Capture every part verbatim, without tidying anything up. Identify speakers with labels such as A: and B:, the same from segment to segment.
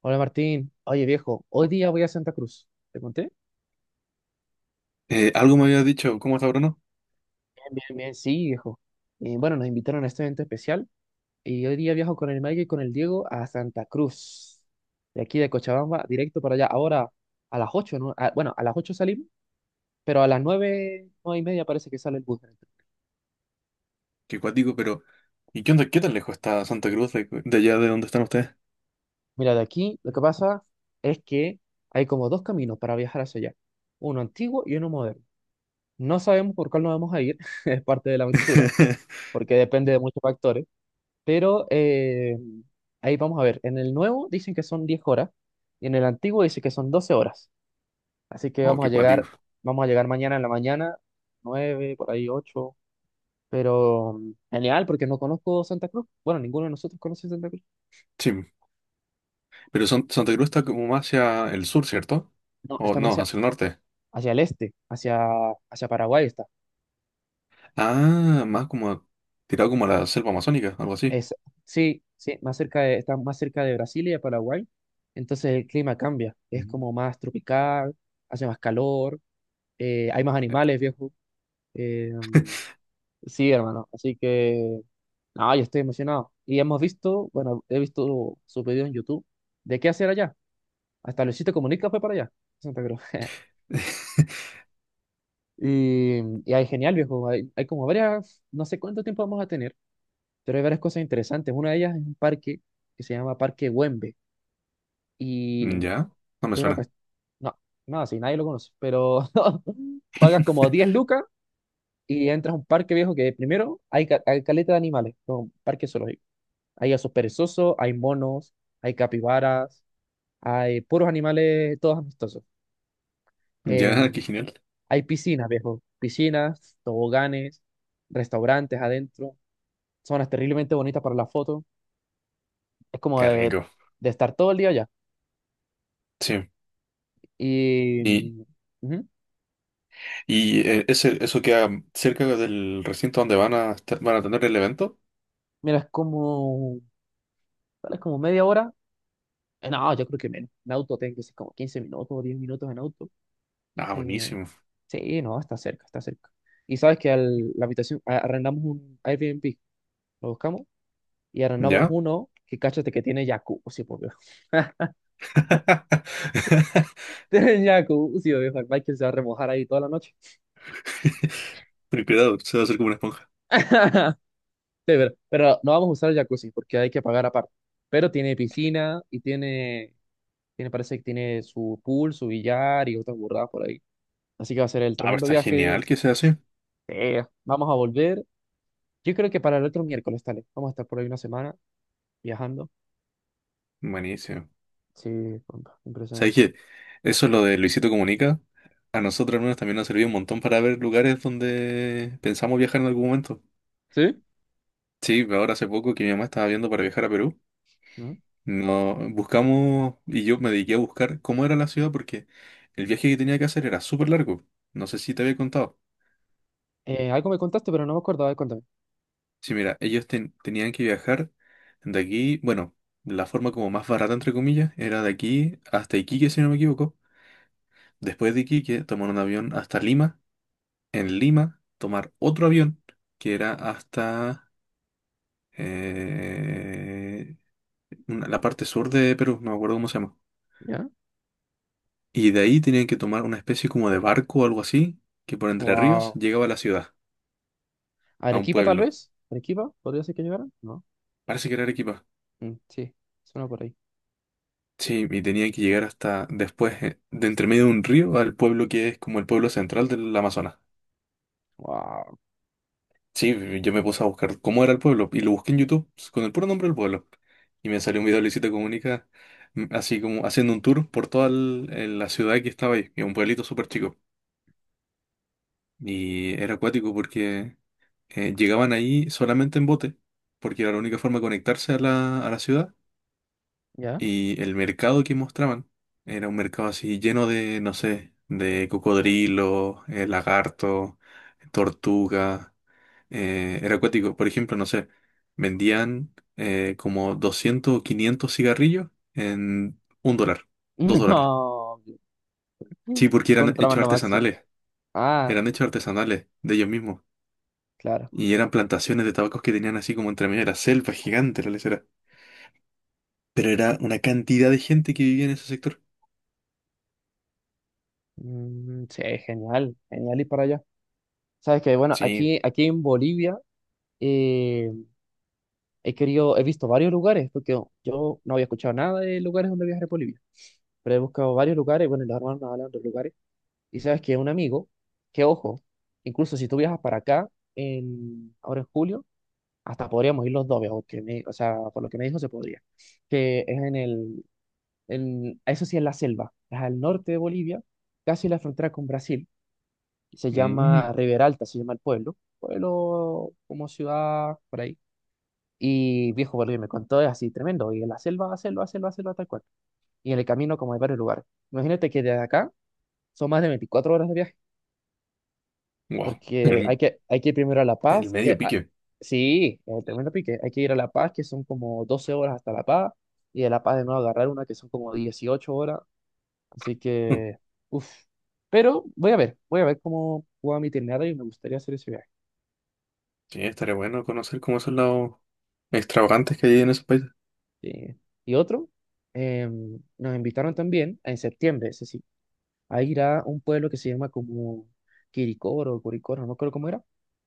A: Hola Martín, oye viejo, hoy día voy a Santa Cruz. ¿Te conté?
B: Eh, algo me había dicho, ¿cómo está Bruno?
A: Bien, bien, bien, sí, viejo. Eh, bueno, nos invitaron a este evento especial y hoy día viajo con el Mike y con el Diego a Santa Cruz. De aquí de Cochabamba, directo para allá. Ahora a las ocho, ¿no? Ah, bueno, a las ocho salimos, pero a las nueve 9 y media parece que sale el bus.
B: Que cuático, pero ¿y qué onda? ¿Qué tan lejos está Santa Cruz de, de allá de donde están ustedes?
A: Mira, de aquí lo que pasa es que hay como dos caminos para viajar hacia allá. Uno antiguo y uno moderno. No sabemos por cuál nos vamos a ir, es parte de la aventura, porque depende de muchos factores. Pero eh, ahí vamos a ver. En el nuevo dicen que son diez horas y en el antiguo dice que son doce horas. Así que
B: Oh,
A: vamos a
B: qué cuático.
A: llegar, vamos a llegar mañana en la mañana, nueve por ahí ocho. Pero mm, genial, porque no conozco Santa Cruz. Bueno, ninguno de nosotros conoce Santa Cruz.
B: Sí, pero San- Santa Cruz está como más hacia el sur, ¿cierto?
A: No,
B: O
A: está más
B: no,
A: hacia,
B: hacia el norte.
A: hacia el este, hacia, hacia Paraguay está.
B: Ah, más como tirado como a la selva amazónica, algo así.
A: Es, sí, sí, más cerca de, está más cerca de Brasil y de Paraguay. Entonces el clima cambia. Es
B: Mm.
A: como más tropical, hace más calor, eh, hay más
B: Eh,
A: animales, viejo. eh, Sí, hermano. Así que, no, yo estoy emocionado. Y hemos visto, bueno, he visto su video en YouTube de qué hacer allá. Hasta Luisito Comunica fue para allá, Santa Cruz. Y, y ahí genial, viejo. Hay, hay como varias, no sé cuánto tiempo vamos a tener, pero hay varias cosas interesantes. Una de ellas es un parque que se llama Parque Güembe. Y
B: Ya, no me
A: es una
B: suena.
A: cuestión, no, no, sí, nadie lo conoce, pero pagas como diez lucas y entras a un parque viejo que primero hay, ca- hay caleta de animales, como un parque solo. Hay osos perezosos, hay monos, hay capibaras, hay puros animales, todos amistosos.
B: Ya, qué
A: Em,
B: genial.
A: hay piscinas, viejo. Piscinas, toboganes, restaurantes adentro. Zonas terriblemente bonitas para la foto. Es como
B: Qué
A: de,
B: rico.
A: de estar todo el día allá.
B: Sí.
A: Y...
B: Y,
A: mm, ujú.
B: y eh, ese, eso queda cerca del recinto donde van a, estar- van a tener el evento.
A: Mira, es como... ¿cuál? Es como media hora. Eh, No, yo creo que menos. En auto tengo que ser como quince minutos o diez minutos en auto.
B: Ah,
A: Eh,
B: buenísimo.
A: sí, no, está cerca, está cerca. Y sabes que al- la habitación, a- arrendamos un Airbnb, lo buscamos y arrendamos
B: Ya.
A: uno que cáchate que tiene jacuzzi, por Dios. Tiene jacuzzi, obvio. Michael se va a remojar ahí toda la noche.
B: Ten cuidado, se va a hacer como una esponja.
A: Sí, pero, pero no vamos a usar el jacuzzi porque hay que pagar aparte. Pero tiene piscina y tiene, tiene, parece que tiene su pool, su billar y otras burradas por ahí. Así que va a ser el
B: Ah, pero
A: tremendo
B: está
A: viaje.
B: genial que sea así.
A: Sí. Vamos a volver. Yo creo que para el otro miércoles, tal vez. Vamos a estar por ahí una semana viajando.
B: Buenísimo.
A: Sí, compa,
B: ¿Sabes
A: impresionante.
B: qué? Eso es lo de Luisito Comunica. A nosotros al menos también nos sirvió un montón para ver lugares donde pensamos viajar en algún momento.
A: ¿Sí?
B: Sí, ahora hace poco que mi mamá estaba viendo para viajar a Perú,
A: ¿Mm?
B: no buscamos y yo me dediqué a buscar cómo era la ciudad porque el viaje que tenía que hacer era súper largo. No sé si te había contado.
A: Eh, algo me contaste, pero no me acordaba de contarme.
B: Sí, mira, ellos ten- tenían que viajar de aquí, bueno, la forma como más barata, entre comillas, era de aquí hasta Iquique, si no me equivoco. Después de Iquique, tomar un avión hasta Lima. En Lima, tomar otro avión que era hasta eh, una- la parte sur de Perú, no me acuerdo cómo se llama.
A: ¿Ya?
B: Y de ahí tenían que tomar una especie como de barco o algo así, que por Entre Ríos
A: Wow.
B: llegaba a la ciudad, a un
A: Arequipa, tal
B: pueblo.
A: vez. Arequipa, podría ser que llegara. No.
B: Parece que era Arequipa.
A: Mm, sí, suena por ahí.
B: Sí, y tenía que llegar hasta después, eh, de entre medio de un río, al pueblo que es como el pueblo central del Amazonas.
A: Wow.
B: Sí, yo me puse a buscar cómo era el pueblo y lo busqué en YouTube con el puro nombre del pueblo. Y me salió un video de Luisito Comunica, mm, así como haciendo un tour por toda el- el- la ciudad que estaba ahí, que es un pueblito súper chico. Y era acuático porque eh, llegaban ahí solamente en bote, porque era la única forma de conectarse a la, a la ciudad.
A: ¿Ya?
B: Y el mercado que mostraban era un mercado así lleno de, no sé, de cocodrilo, eh, lagarto, tortuga. Eh, era acuático. Por ejemplo, no sé, vendían eh, como doscientos o 500 cigarrillos en un dólar, dos dólares.
A: No.
B: Sí, porque eran hechos
A: Contrabando máximo.
B: artesanales.
A: Ah,
B: Eran hechos artesanales de ellos mismos.
A: claro.
B: Y eran plantaciones de tabacos que tenían así como entre medio de la selva gigante, la lesera. Pero era una cantidad de gente que vivía en ese sector.
A: Mm, sí, genial. Genial ir para allá. Sabes que, bueno,
B: Sí.
A: aquí, aquí en Bolivia eh, he querido, he visto varios lugares, porque yo yo no había escuchado nada de lugares donde viajar en Bolivia. Pero he buscado varios lugares, bueno, y los hermanos nos hablan de otros lugares. Y sabes que un amigo, que ojo, incluso si tú viajas para acá, en, ahora en julio, hasta podríamos ir los dos, veo que me- o sea, por lo que me dijo se podría, que es en el, en, eso sí es la selva, es al norte de Bolivia, casi la frontera con Brasil, se
B: Mm.
A: llama Rivera Alta, se llama el pueblo, pueblo como ciudad, por ahí, y viejo, Bolivia me contó, es así tremendo, y en la selva, selva, selva, selva, tal cual, y en el camino como hay varios lugares, imagínate que desde acá son más de veinticuatro horas de viaje.
B: Wow,
A: Porque hay
B: el,
A: que, hay que ir primero a La
B: el
A: Paz, que
B: medio
A: a-
B: pique.
A: sí, el tremendo pique, hay que ir a La Paz, que son como doce horas hasta La Paz, y de La Paz de nuevo agarrar una que son como dieciocho horas, así
B: Mm.
A: que, uff, pero voy a ver, voy a ver cómo juega mi itinerario y me gustaría hacer ese viaje.
B: Sí, estaría bueno conocer cómo son los extravagantes que hay en esos países.
A: Sí. Y otro, em, nos invitaron también en septiembre, ese sí, a ir a un pueblo que se llama como Quiricoro, Curicoro, no creo cómo era,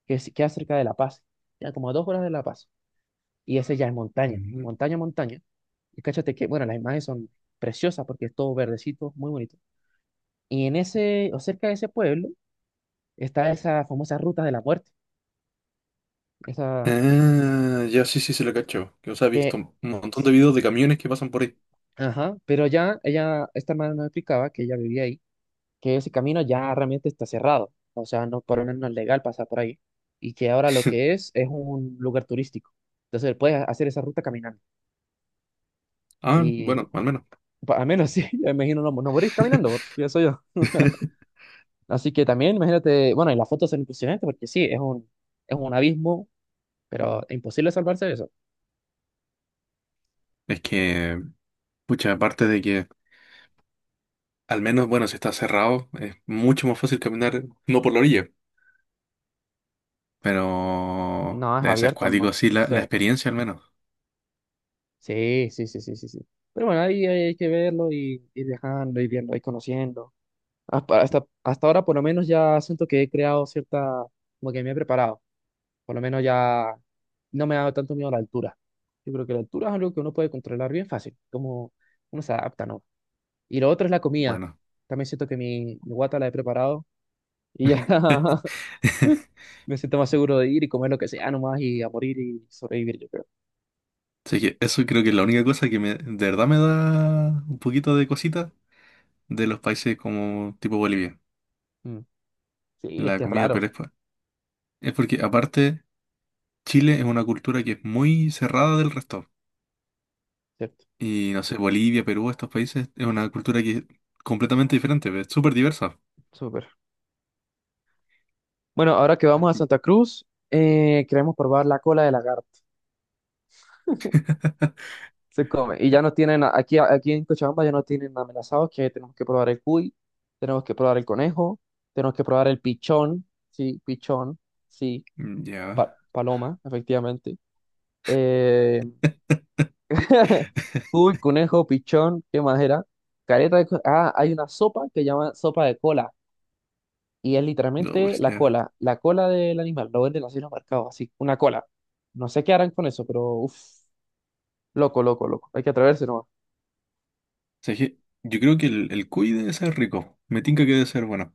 A: que es- queda cerca de La Paz, ya como a dos horas de La Paz. Y ese ya es montaña,
B: Ujú.
A: montaña, montaña. Y cáchate que, bueno, las imágenes son preciosas porque es todo verdecito, muy bonito. Y en ese, o cerca de ese pueblo, está esa famosa ruta de la muerte, esa
B: Ah, ya sí, sí, se lo cacho. Que os he visto
A: que,
B: un montón de videos de camiones que pasan por ahí.
A: ajá, pero ya ella, esta hermana nos explicaba que ella vivía ahí, que ese camino ya realmente está cerrado, o sea, no, por lo menos no es legal pasar por ahí, y que ahora lo que es es un lugar turístico. Entonces puedes hacer esa ruta caminando.
B: Ah,
A: Y
B: bueno, al menos.
A: pa- al menos sí, me imagino no, no morir caminando, pienso yo. Así que también, imagínate, bueno, y las fotos son impresionantes porque sí, es un, es un abismo, pero es imposible salvarse de eso.
B: Es que, pucha, aparte de que, al menos, bueno, si está cerrado, es mucho más fácil caminar, no por la orilla, pero
A: No, es
B: debe ser
A: abierto nomás.
B: cuático, sí, la,
A: Sí,
B: la experiencia al menos.
A: sí, sí, sí, sí, sí, sí. Pero bueno, ahí hay que verlo y ir viajando, ir viendo, ir conociendo. Hasta, hasta, hasta ahora, por lo menos, ya siento que he creado cierta, como que me he preparado. Por lo menos ya no me ha dado tanto miedo la altura. Yo creo que la altura es algo que uno puede controlar bien fácil, como uno se adapta, ¿no? Y lo otro es la comida.
B: Bueno.
A: También siento que mi, mi guata la he preparado. Y ya me siento más seguro de ir y comer lo que sea nomás y a morir y sobrevivir, yo creo.
B: Así que eso creo que es la única cosa que me, de verdad me da un poquito de cosita de los países como tipo Bolivia,
A: Mm. Sí, es
B: la
A: que es
B: comida, pero
A: raro,
B: es, po- es porque aparte Chile es una cultura que es muy cerrada del resto.
A: ¿cierto?
B: Y no sé, Bolivia, Perú, estos países es una cultura que es completamente diferente, es súper diversa.
A: Súper. Bueno, ahora que vamos a
B: Así.
A: Santa Cruz, eh, queremos probar la cola de lagarto. Se come. Y ya nos tienen, aquí, aquí en Cochabamba ya nos tienen amenazados que tenemos que probar el cuy, tenemos que probar el conejo, tenemos que probar el pichón, sí, pichón, sí,
B: Ya,
A: pa- paloma, efectivamente. Eh, Cuy, conejo, pichón, ¿qué más era? Careta de... co- Ah, hay una sopa que llaman sopa de cola. Y es
B: no,
A: literalmente
B: es-
A: la
B: ya.
A: cola, la cola del animal. Lo venden así en los mercados, así, una cola. No sé qué harán con eso, pero uff, loco, loco, loco. Hay que atreverse nomás.
B: O sea, que yo creo que el, el cuy debe ser rico, me tinca que debe ser bueno.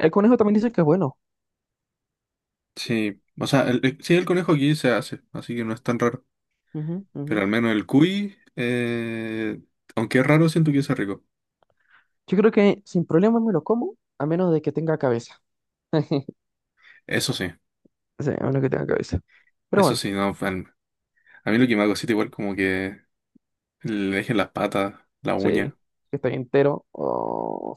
A: El conejo también dice que es bueno.
B: Sí, o sea, el, el- sí, el conejo aquí se hace, así que no es tan raro.
A: Ujú,
B: Pero
A: ujú.
B: al menos el cuy, eh, aunque es raro, siento que es rico.
A: Yo creo que sin problema me lo como, a menos de que tenga cabeza.
B: Eso sí,
A: Sí, a menos que tenga cabeza. Pero
B: eso
A: bueno,
B: sí, no, fan. A mí lo que me hago cosita igual como que le dejen las patas, la
A: sí,
B: uña.
A: que esté entero. Oh,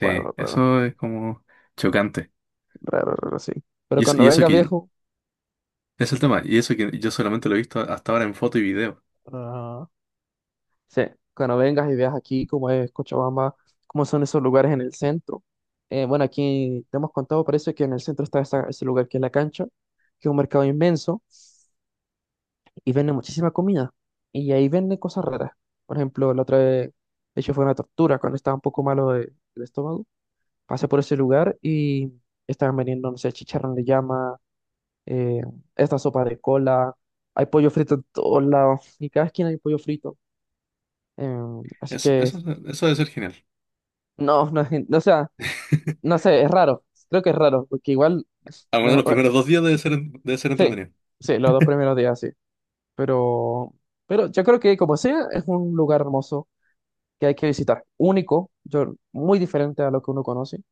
B: Sí,
A: raro, raro,
B: eso es como chocante.
A: raro, raro, sí. Pero
B: Y eso,
A: cuando
B: y eso
A: venga
B: que
A: viejo.
B: es el tema, y eso que yo solamente lo he visto hasta ahora en foto y video.
A: Ajá. Sí, cuando vengas y veas aquí cómo es Cochabamba, cómo son esos lugares en el centro. Eh, bueno, aquí te hemos contado, parece que en el centro está esa- ese lugar que es la cancha, que es un mercado inmenso y vende muchísima comida. Y ahí venden cosas raras. Por ejemplo, la otra vez, de hecho fue una tortura cuando estaba un poco malo de- del estómago. Pasé por ese lugar y estaban vendiendo, no sé, chicharrón de llama, eh, esta sopa de cola, hay pollo frito en todos lados y cada esquina hay pollo frito. Em, así
B: Eso,
A: que
B: eso, eso debe ser genial.
A: no, no es, gen- o sea, no sé, es raro. Creo que es raro, porque igual,
B: Al menos
A: no,
B: los
A: eh,
B: primeros dos días debe ser, debe ser
A: sí,
B: entretenido.
A: sí, los dos primeros días sí. Pero, pero yo creo que como sea, es un lugar hermoso que hay que visitar. Único, yo, muy diferente a lo que uno conoce.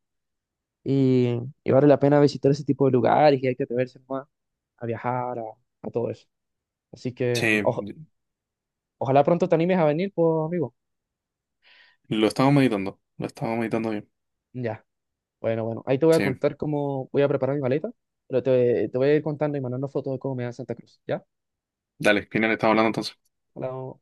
A: Y, y vale la pena visitar ese tipo de lugares y hay que atreverse más a viajar, a, a todo eso. Así que mm,
B: Sí,
A: ojo- ojalá pronto te animes a venir, pues, amigo.
B: lo estamos meditando, lo estamos meditando bien.
A: Ya, bueno, bueno. Ahí te voy a
B: Sí,
A: contar cómo voy a preparar mi maleta, pero te, te voy a ir contando y mandando fotos de cómo me da Santa Cruz, ¿ya?
B: dale, final, estamos hablando entonces.
A: Hola,